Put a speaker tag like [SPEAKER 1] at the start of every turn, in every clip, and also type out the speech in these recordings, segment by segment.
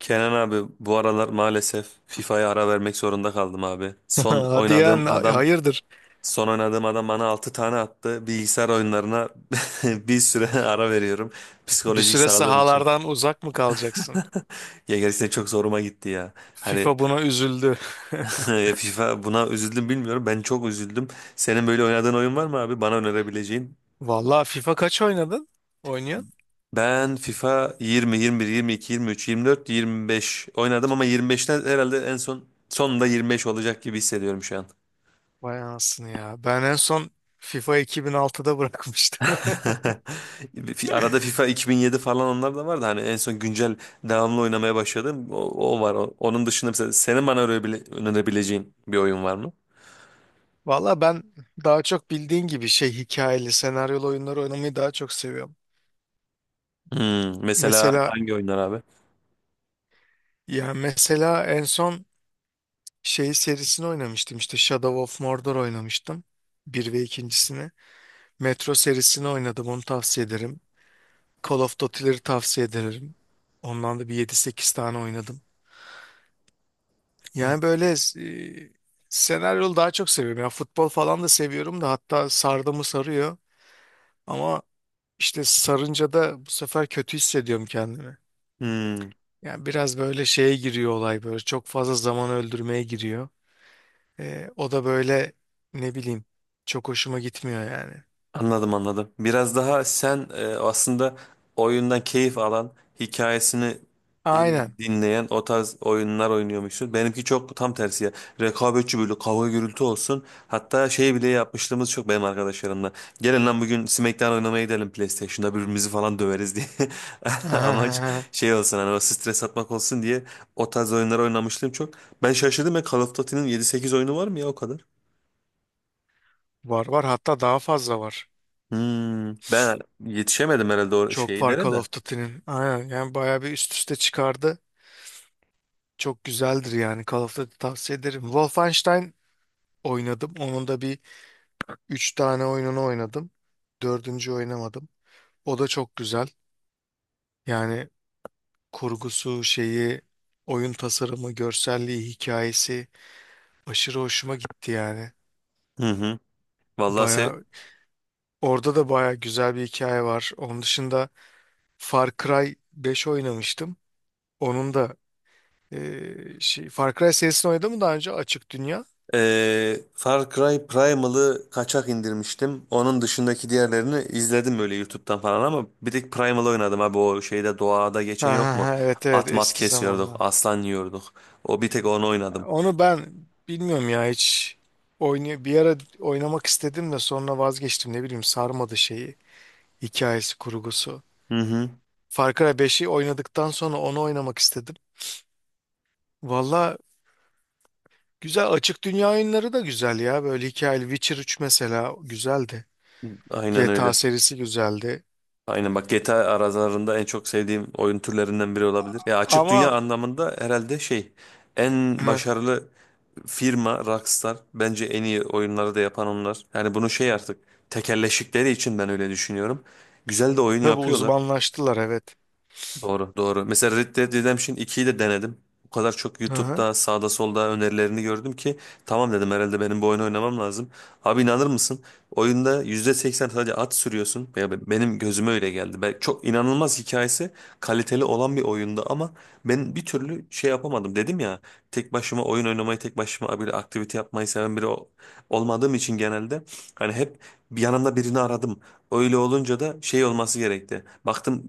[SPEAKER 1] Kenan abi bu aralar maalesef FIFA'ya ara vermek zorunda kaldım abi. Son
[SPEAKER 2] Hadi ya
[SPEAKER 1] oynadığım adam
[SPEAKER 2] hayırdır?
[SPEAKER 1] son oynadığım adam bana 6 tane attı. Bilgisayar oyunlarına bir süre ara veriyorum.
[SPEAKER 2] Bir
[SPEAKER 1] Psikolojik
[SPEAKER 2] süre
[SPEAKER 1] sağlığım için.
[SPEAKER 2] sahalardan uzak mı kalacaksın?
[SPEAKER 1] Ya gerçekten çok zoruma gitti ya. Hani
[SPEAKER 2] FIFA buna üzüldü.
[SPEAKER 1] FIFA buna üzüldüm bilmiyorum. Ben çok üzüldüm. Senin böyle oynadığın oyun var mı abi? Bana önerebileceğin.
[SPEAKER 2] Vallahi FIFA kaç oynadın? Oynuyorsun?
[SPEAKER 1] Ben FIFA 20, 21, 22, 23, 24, 25 oynadım ama 25'ten herhalde en son sonunda 25 olacak gibi hissediyorum şu an.
[SPEAKER 2] Vay anasını ya. Ben en son FIFA 2006'da bırakmıştım.
[SPEAKER 1] Arada FIFA 2007 falan onlar da vardı. Hani en son güncel devamlı oynamaya başladım. O var. Onun dışında mesela senin bana önerebileceğin bir oyun var mı?
[SPEAKER 2] Vallahi ben daha çok bildiğin gibi şey hikayeli, senaryolu oyunları oynamayı daha çok seviyorum.
[SPEAKER 1] Hmm, mesela
[SPEAKER 2] Mesela
[SPEAKER 1] hangi oyunlar abi?
[SPEAKER 2] mesela, en son şey serisini oynamıştım işte Shadow of Mordor oynamıştım. Bir ve ikincisini. Metro serisini oynadım, onu tavsiye ederim. Call of Duty'leri tavsiye ederim. Ondan da bir yedi sekiz tane oynadım. Yani böyle e, senaryolu daha çok seviyorum. Ya futbol falan da seviyorum da, hatta sardı mı sarıyor. Ama işte sarınca da bu sefer kötü hissediyorum kendimi.
[SPEAKER 1] Hmm.
[SPEAKER 2] Yani biraz böyle şeye giriyor olay, böyle çok fazla zaman öldürmeye giriyor. O da böyle ne bileyim çok hoşuma gitmiyor yani.
[SPEAKER 1] Anladım anladım. Biraz daha sen aslında oyundan keyif alan, hikayesini e,
[SPEAKER 2] Aynen.
[SPEAKER 1] dinleyen o tarz oyunlar oynuyormuşsun. Benimki çok tam tersi ya. Rekabetçi böyle kavga gürültü olsun. Hatta şey bile yapmışlığımız çok benim arkadaşlarımla. Gelin lan bugün SmackDown oynamaya gidelim PlayStation'da birbirimizi falan döveriz diye. Amaç şey olsun hani o stres atmak olsun diye o tarz oyunlar oynamışlığım çok. Ben şaşırdım ya Call of Duty'nin 7-8 oyunu var mı ya o kadar?
[SPEAKER 2] Var var, hatta daha fazla var.
[SPEAKER 1] Hmm, ben yetişemedim herhalde o
[SPEAKER 2] Çok var
[SPEAKER 1] şeylere
[SPEAKER 2] Call
[SPEAKER 1] de.
[SPEAKER 2] of Duty'nin. Aynen yani bayağı bir üst üste çıkardı. Çok güzeldir yani, Call of Duty tavsiye ederim. Wolfenstein oynadım. Onun da bir 3 tane oyununu oynadım. Dördüncü oynamadım. O da çok güzel. Yani kurgusu, şeyi, oyun tasarımı, görselliği, hikayesi aşırı hoşuma gitti yani.
[SPEAKER 1] Hı hı. Vallahi se
[SPEAKER 2] Baya orada da baya güzel bir hikaye var. Onun dışında Far Cry 5 oynamıştım. Onun da şey, Far Cry serisini oynadım mı daha önce, açık dünya?
[SPEAKER 1] Far Cry Primal'ı kaçak indirmiştim. Onun dışındaki diğerlerini izledim böyle YouTube'dan falan ama bir tek Primal oynadım abi o şeyde doğada
[SPEAKER 2] Ha,
[SPEAKER 1] geçen yok
[SPEAKER 2] ha,
[SPEAKER 1] mu?
[SPEAKER 2] ha, evet evet
[SPEAKER 1] At mat
[SPEAKER 2] eski
[SPEAKER 1] kesiyorduk,
[SPEAKER 2] zamanlar.
[SPEAKER 1] aslan yiyorduk. O bir tek onu oynadım.
[SPEAKER 2] Onu ben bilmiyorum ya hiç, bir ara oynamak istedim de sonra vazgeçtim, ne bileyim sarmadı şeyi, hikayesi, kurgusu.
[SPEAKER 1] Hı hı.
[SPEAKER 2] Far Cry 5'i oynadıktan sonra onu oynamak istedim. Valla güzel, açık dünya oyunları da güzel ya, böyle hikayeli Witcher 3 mesela güzeldi.
[SPEAKER 1] Aynen
[SPEAKER 2] GTA
[SPEAKER 1] öyle.
[SPEAKER 2] serisi güzeldi.
[SPEAKER 1] Aynen bak GTA aralarında en çok sevdiğim oyun türlerinden biri olabilir. Ya açık dünya
[SPEAKER 2] Ama
[SPEAKER 1] anlamında herhalde şey en
[SPEAKER 2] hı,
[SPEAKER 1] başarılı firma Rockstar bence en iyi oyunları da yapan onlar. Yani bunu şey artık tekelleşikleri için ben öyle düşünüyorum. Güzel de oyun
[SPEAKER 2] tabii
[SPEAKER 1] yapıyorlar.
[SPEAKER 2] uzmanlaştılar, evet.
[SPEAKER 1] Doğru, doğru. Mesela Red Dead Redemption ikiyi de denedim. O kadar çok
[SPEAKER 2] Hı hı.
[SPEAKER 1] YouTube'da sağda solda önerilerini gördüm ki tamam dedim herhalde benim bu oyunu oynamam lazım. Abi inanır mısın? Oyunda %80 sadece at sürüyorsun. Ya benim gözüme öyle geldi. Çok inanılmaz hikayesi kaliteli olan bir oyunda ama ben bir türlü şey yapamadım. Dedim ya tek başıma oyun oynamayı tek başıma bir aktivite yapmayı seven biri olmadığım için genelde hani hep bir yanımda birini aradım. Öyle olunca da şey olması gerekti. Baktım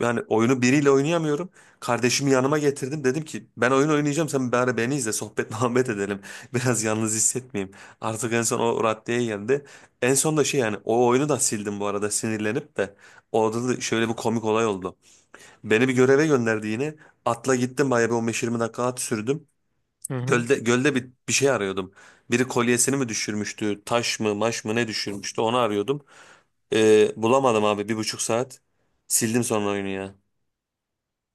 [SPEAKER 1] yani oyunu biriyle oynayamıyorum. Kardeşimi yanıma getirdim. Dedim ki ben oyun oynayacağım. Sen bari beni izle. Sohbet muhabbet edelim. Biraz yalnız hissetmeyeyim. Artık en son o raddeye geldi. En son da şey yani o oyunu da sildim bu arada sinirlenip de. Orada da şöyle bir komik olay oldu. Beni bir göreve gönderdi yine. Atla gittim bayağı bir 15-20 dakika at sürdüm.
[SPEAKER 2] Hı hı.
[SPEAKER 1] Gölde bir şey arıyordum. Biri kolyesini mi düşürmüştü? Taş mı maş mı ne düşürmüştü? Onu arıyordum. Bulamadım abi 1,5 saat. Sildim sonra oyunu ya.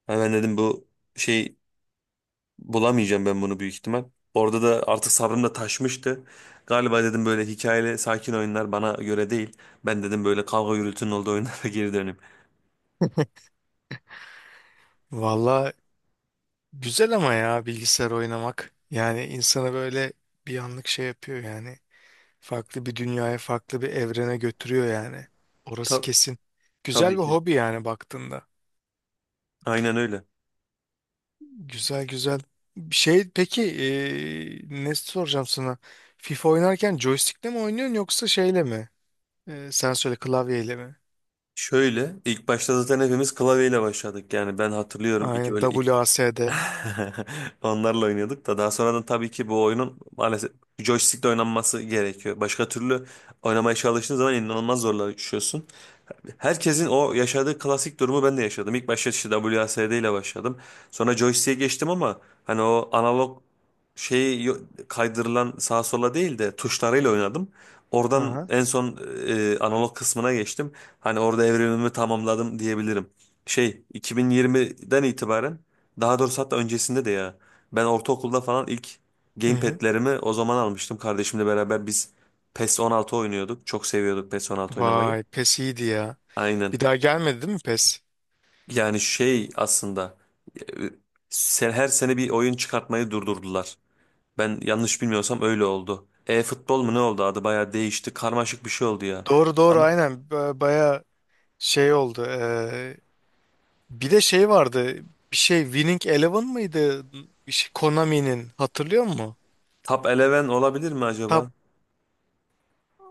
[SPEAKER 1] Hemen dedim bu şey bulamayacağım ben bunu büyük ihtimal. Orada da artık sabrım da taşmıştı. Galiba dedim böyle hikayeli sakin oyunlar bana göre değil. Ben dedim böyle kavga gürültünün olduğu oyunlara geri döneyim.
[SPEAKER 2] Valla, güzel ama ya bilgisayar oynamak. Yani insanı böyle bir anlık şey yapıyor yani. Farklı bir dünyaya, farklı bir evrene götürüyor yani. Orası
[SPEAKER 1] Ta-
[SPEAKER 2] kesin. Güzel
[SPEAKER 1] tabii
[SPEAKER 2] bir
[SPEAKER 1] ki.
[SPEAKER 2] hobi yani baktığında.
[SPEAKER 1] Aynen öyle.
[SPEAKER 2] Güzel güzel. Şey peki, ne soracağım sana? FIFA oynarken joystick'le mi oynuyorsun yoksa şeyle mi? Sen söyle, klavyeyle mi?
[SPEAKER 1] Şöyle ilk başta zaten hepimiz klavyeyle başladık. Yani ben hatırlıyorum iki
[SPEAKER 2] Aynen,
[SPEAKER 1] öyle ilk
[SPEAKER 2] WASD.
[SPEAKER 1] onlarla oynuyorduk da daha sonradan tabii ki bu oyunun maalesef joystick'le oynanması gerekiyor. Başka türlü oynamaya çalıştığın zaman inanılmaz zorlaşıyorsun. Herkesin o yaşadığı klasik durumu ben de yaşadım. İlk başta işte WASD ile başladım. Sonra joystick'e geçtim ama hani o analog şeyi kaydırılan sağa sola değil de tuşlarıyla oynadım. Oradan
[SPEAKER 2] Aha.
[SPEAKER 1] en son analog kısmına geçtim. Hani orada evrimimi tamamladım diyebilirim. Şey 2020'den itibaren daha doğrusu hatta öncesinde de ya ben ortaokulda falan ilk
[SPEAKER 2] Hı hı.
[SPEAKER 1] gamepad'lerimi o zaman almıştım. Kardeşimle beraber biz PES 16 oynuyorduk. Çok seviyorduk PES 16 oynamayı.
[SPEAKER 2] Vay PES iyiydi ya. Bir
[SPEAKER 1] Aynen.
[SPEAKER 2] daha gelmedi değil mi PES?
[SPEAKER 1] Yani şey aslında e, sen her sene bir oyun çıkartmayı durdurdular. Ben yanlış bilmiyorsam öyle oldu. E-futbol mu ne oldu adı bayağı değişti. Karmaşık bir şey oldu ya.
[SPEAKER 2] Doğru doğru
[SPEAKER 1] Ama
[SPEAKER 2] aynen. Şey oldu. Bir de şey vardı. Bir şey Winning Eleven mıydı? Bir şey Konami'nin. Hatırlıyor musun?
[SPEAKER 1] Top Eleven olabilir mi
[SPEAKER 2] Tab
[SPEAKER 1] acaba?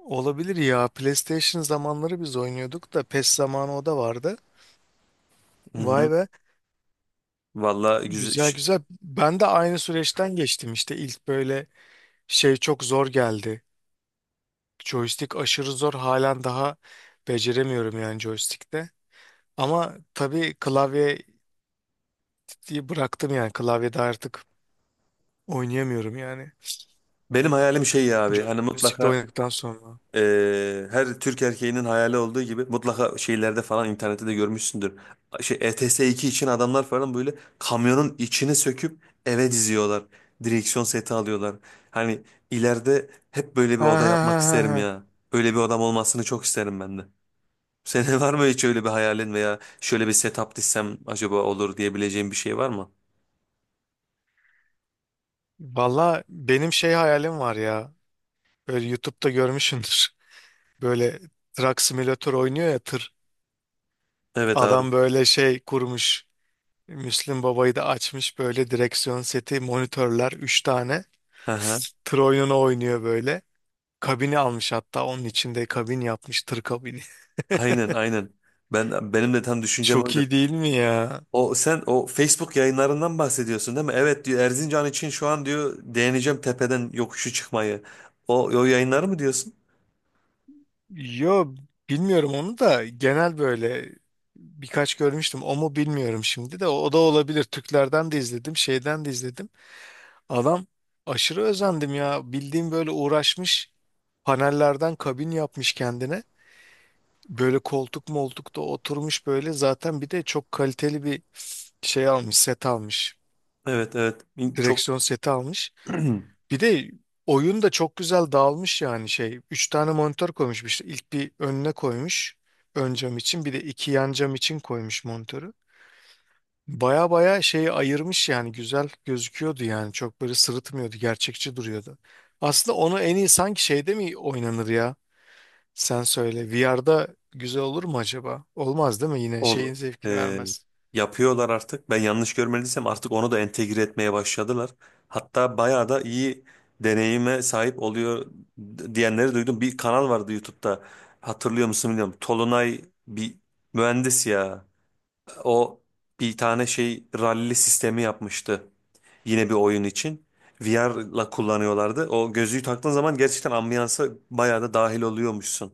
[SPEAKER 2] olabilir ya. PlayStation zamanları biz oynuyorduk da, PES zamanı o da vardı.
[SPEAKER 1] Hı
[SPEAKER 2] Vay
[SPEAKER 1] hı.
[SPEAKER 2] be.
[SPEAKER 1] Valla güzel.
[SPEAKER 2] Güzel güzel. Ben de aynı süreçten geçtim işte. İlk böyle şey çok zor geldi. Joystick aşırı zor. Halen daha beceremiyorum yani joystick'te. Ama tabii klavye bıraktım yani. Klavyede artık oynayamıyorum yani.
[SPEAKER 1] Benim hayalim şey ya abi hani
[SPEAKER 2] Joystick'le
[SPEAKER 1] mutlaka
[SPEAKER 2] oynadıktan sonra.
[SPEAKER 1] Her Türk erkeğinin hayali olduğu gibi mutlaka şeylerde falan internette de görmüşsündür. Şey ETS2 için adamlar falan böyle kamyonun içini söküp eve diziyorlar. Direksiyon seti alıyorlar. Hani ileride hep böyle bir
[SPEAKER 2] Ha
[SPEAKER 1] oda
[SPEAKER 2] ha ha
[SPEAKER 1] yapmak isterim
[SPEAKER 2] ha, ha.
[SPEAKER 1] ya. Böyle bir odam olmasını çok isterim ben de. Senin var mı hiç öyle bir hayalin veya şöyle bir setup dizsem acaba olur diyebileceğim bir şey var mı?
[SPEAKER 2] Valla benim şey hayalim var ya. Böyle YouTube'da görmüşsündür. Böyle Truck Simulator oynuyor ya, tır.
[SPEAKER 1] Evet abi.
[SPEAKER 2] Adam böyle şey kurmuş. Müslüm Baba'yı da açmış, böyle direksiyon seti, monitörler 3 tane.
[SPEAKER 1] Hı hı.
[SPEAKER 2] Tır oyununu oynuyor böyle. Kabini almış, hatta onun içinde kabin yapmış, tır kabini.
[SPEAKER 1] Aynen aynen. Benim de tam düşüncem
[SPEAKER 2] Çok
[SPEAKER 1] oydu.
[SPEAKER 2] iyi değil mi ya?
[SPEAKER 1] O Facebook yayınlarından bahsediyorsun değil mi? Evet diyor Erzincan için şu an diyor deneyeceğim tepeden yokuşu çıkmayı. O yayınları mı diyorsun?
[SPEAKER 2] Yo bilmiyorum, onu da genel böyle birkaç görmüştüm. O mu bilmiyorum şimdi de. O da olabilir. Türklerden de izledim, şeyden de izledim. Adam aşırı özendim ya. Bildiğim böyle uğraşmış. Panellerden kabin yapmış kendine. Böyle koltuk moltuk da oturmuş böyle. Zaten bir de çok kaliteli bir şey almış, set almış.
[SPEAKER 1] Evet evet çok
[SPEAKER 2] Direksiyon seti almış. Bir de oyun da çok güzel dağılmış yani şey. Üç tane monitör koymuş işte. İlk bir önüne koymuş, ön cam için. Bir de iki yan cam için koymuş monitörü. Baya baya şeyi ayırmış yani, güzel gözüküyordu yani. Çok böyle sırıtmıyordu. Gerçekçi duruyordu. Aslında onu en iyi sanki şeyde mi oynanır ya? Sen söyle. VR'da güzel olur mu acaba? Olmaz değil mi? Yine şeyin
[SPEAKER 1] oldu.
[SPEAKER 2] zevkini
[SPEAKER 1] Ee,
[SPEAKER 2] vermez.
[SPEAKER 1] Yapıyorlar artık. Ben yanlış görmediysem artık onu da entegre etmeye başladılar. Hatta bayağı da iyi deneyime sahip oluyor diyenleri duydum. Bir kanal vardı YouTube'da. Hatırlıyor musun bilmiyorum. Tolunay bir mühendis ya. O bir tane şey ralli sistemi yapmıştı. Yine bir oyun için. VR'la kullanıyorlardı. O gözlüğü taktığın zaman gerçekten ambiyansa bayağı da dahil oluyormuşsun.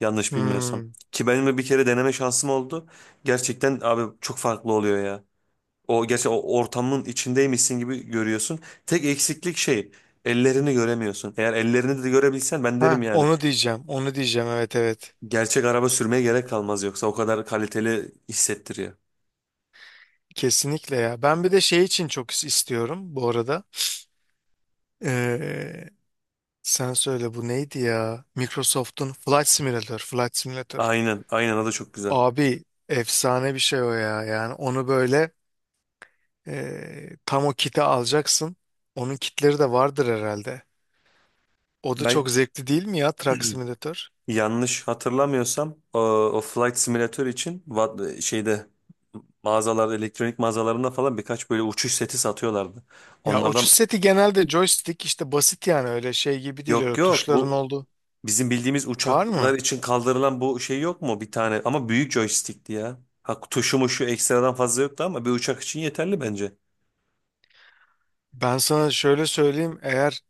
[SPEAKER 1] Yanlış bilmiyorsam.
[SPEAKER 2] Hmm.
[SPEAKER 1] Ki benim de bir kere deneme şansım oldu. Gerçekten abi çok farklı oluyor ya. O gerçi o ortamın içindeymişsin gibi görüyorsun. Tek eksiklik şey ellerini göremiyorsun. Eğer ellerini de görebilsen ben derim
[SPEAKER 2] Ha,
[SPEAKER 1] yani.
[SPEAKER 2] onu diyeceğim. Onu diyeceğim. Evet evet.
[SPEAKER 1] Gerçek araba sürmeye gerek kalmaz yoksa o kadar kaliteli hissettiriyor.
[SPEAKER 2] Kesinlikle ya. Ben bir de şey için çok istiyorum bu arada. Ee, sen söyle, bu neydi ya? Microsoft'un Flight Simulator, Flight Simulator.
[SPEAKER 1] Aynen, aynen o da çok güzel.
[SPEAKER 2] Abi efsane bir şey o ya. Yani onu böyle tam o kiti alacaksın. Onun kitleri de vardır herhalde. O da
[SPEAKER 1] Ben
[SPEAKER 2] çok zevkli değil mi ya, Truck Simulator?
[SPEAKER 1] Yanlış hatırlamıyorsam o Flight Simulator için şeyde mağazalarda elektronik mağazalarında falan birkaç böyle uçuş seti satıyorlardı.
[SPEAKER 2] Ya uçuş
[SPEAKER 1] Onlardan
[SPEAKER 2] seti genelde joystick işte, basit yani, öyle şey gibi değil,
[SPEAKER 1] yok
[SPEAKER 2] öyle
[SPEAKER 1] yok
[SPEAKER 2] tuşların
[SPEAKER 1] bu
[SPEAKER 2] olduğu.
[SPEAKER 1] bizim bildiğimiz
[SPEAKER 2] Var
[SPEAKER 1] uçaklar
[SPEAKER 2] mı?
[SPEAKER 1] için kaldırılan bu şey yok mu bir tane ama büyük joystickti ya. Ha, tuşu muşu ekstradan fazla yoktu ama bir uçak için yeterli bence.
[SPEAKER 2] Ben sana şöyle söyleyeyim, eğer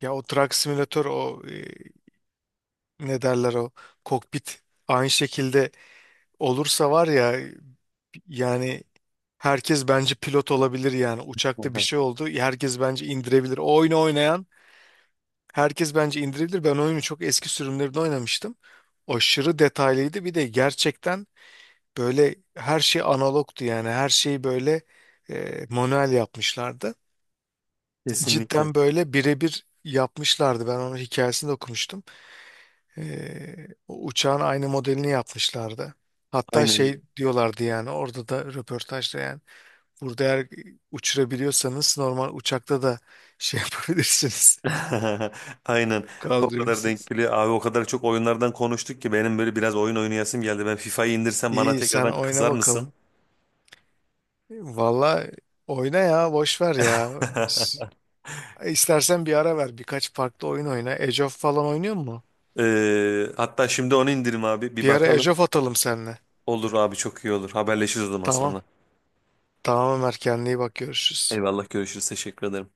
[SPEAKER 2] ya o Truck Simulator o, ne derler, o kokpit aynı şekilde olursa var ya yani, herkes bence pilot olabilir yani, uçakta bir
[SPEAKER 1] Aha,
[SPEAKER 2] şey oldu herkes bence indirebilir. O oyunu oynayan herkes bence indirebilir. Ben oyunu çok eski sürümlerinde oynamıştım. Aşırı detaylıydı, bir de gerçekten böyle her şey analogtu yani, her şeyi böyle manuel yapmışlardı.
[SPEAKER 1] kesinlikle.
[SPEAKER 2] Cidden böyle birebir yapmışlardı. Ben onun hikayesini de okumuştum. O uçağın aynı modelini yapmışlardı. Hatta
[SPEAKER 1] Aynen öyle.
[SPEAKER 2] şey diyorlardı yani orada da röportajda yani. Burada eğer uçurabiliyorsanız normal uçakta da şey yapabilirsiniz.
[SPEAKER 1] Aynen. O kadar denk
[SPEAKER 2] Kaldırıyorsunuz.
[SPEAKER 1] geliyor. Abi o kadar çok oyunlardan konuştuk ki benim böyle biraz oyun oynayasım geldi. Ben FIFA'yı indirsem bana
[SPEAKER 2] İyi, sen
[SPEAKER 1] tekrardan
[SPEAKER 2] oyna
[SPEAKER 1] kızar mısın?
[SPEAKER 2] bakalım. Valla oyna ya, boş ver ya. İs- İstersen bir ara ver, birkaç farklı oyun oyna. Age of falan oynuyor mu?
[SPEAKER 1] Hatta şimdi onu indirim abi. Bir
[SPEAKER 2] Bir ara Age
[SPEAKER 1] bakalım.
[SPEAKER 2] of atalım seninle.
[SPEAKER 1] Olur abi çok iyi olur. Haberleşiriz o zaman
[SPEAKER 2] Tamam.
[SPEAKER 1] sonra.
[SPEAKER 2] Tamam Ömer, kendine iyi bak, görüşürüz.
[SPEAKER 1] Eyvallah görüşürüz. Teşekkür ederim.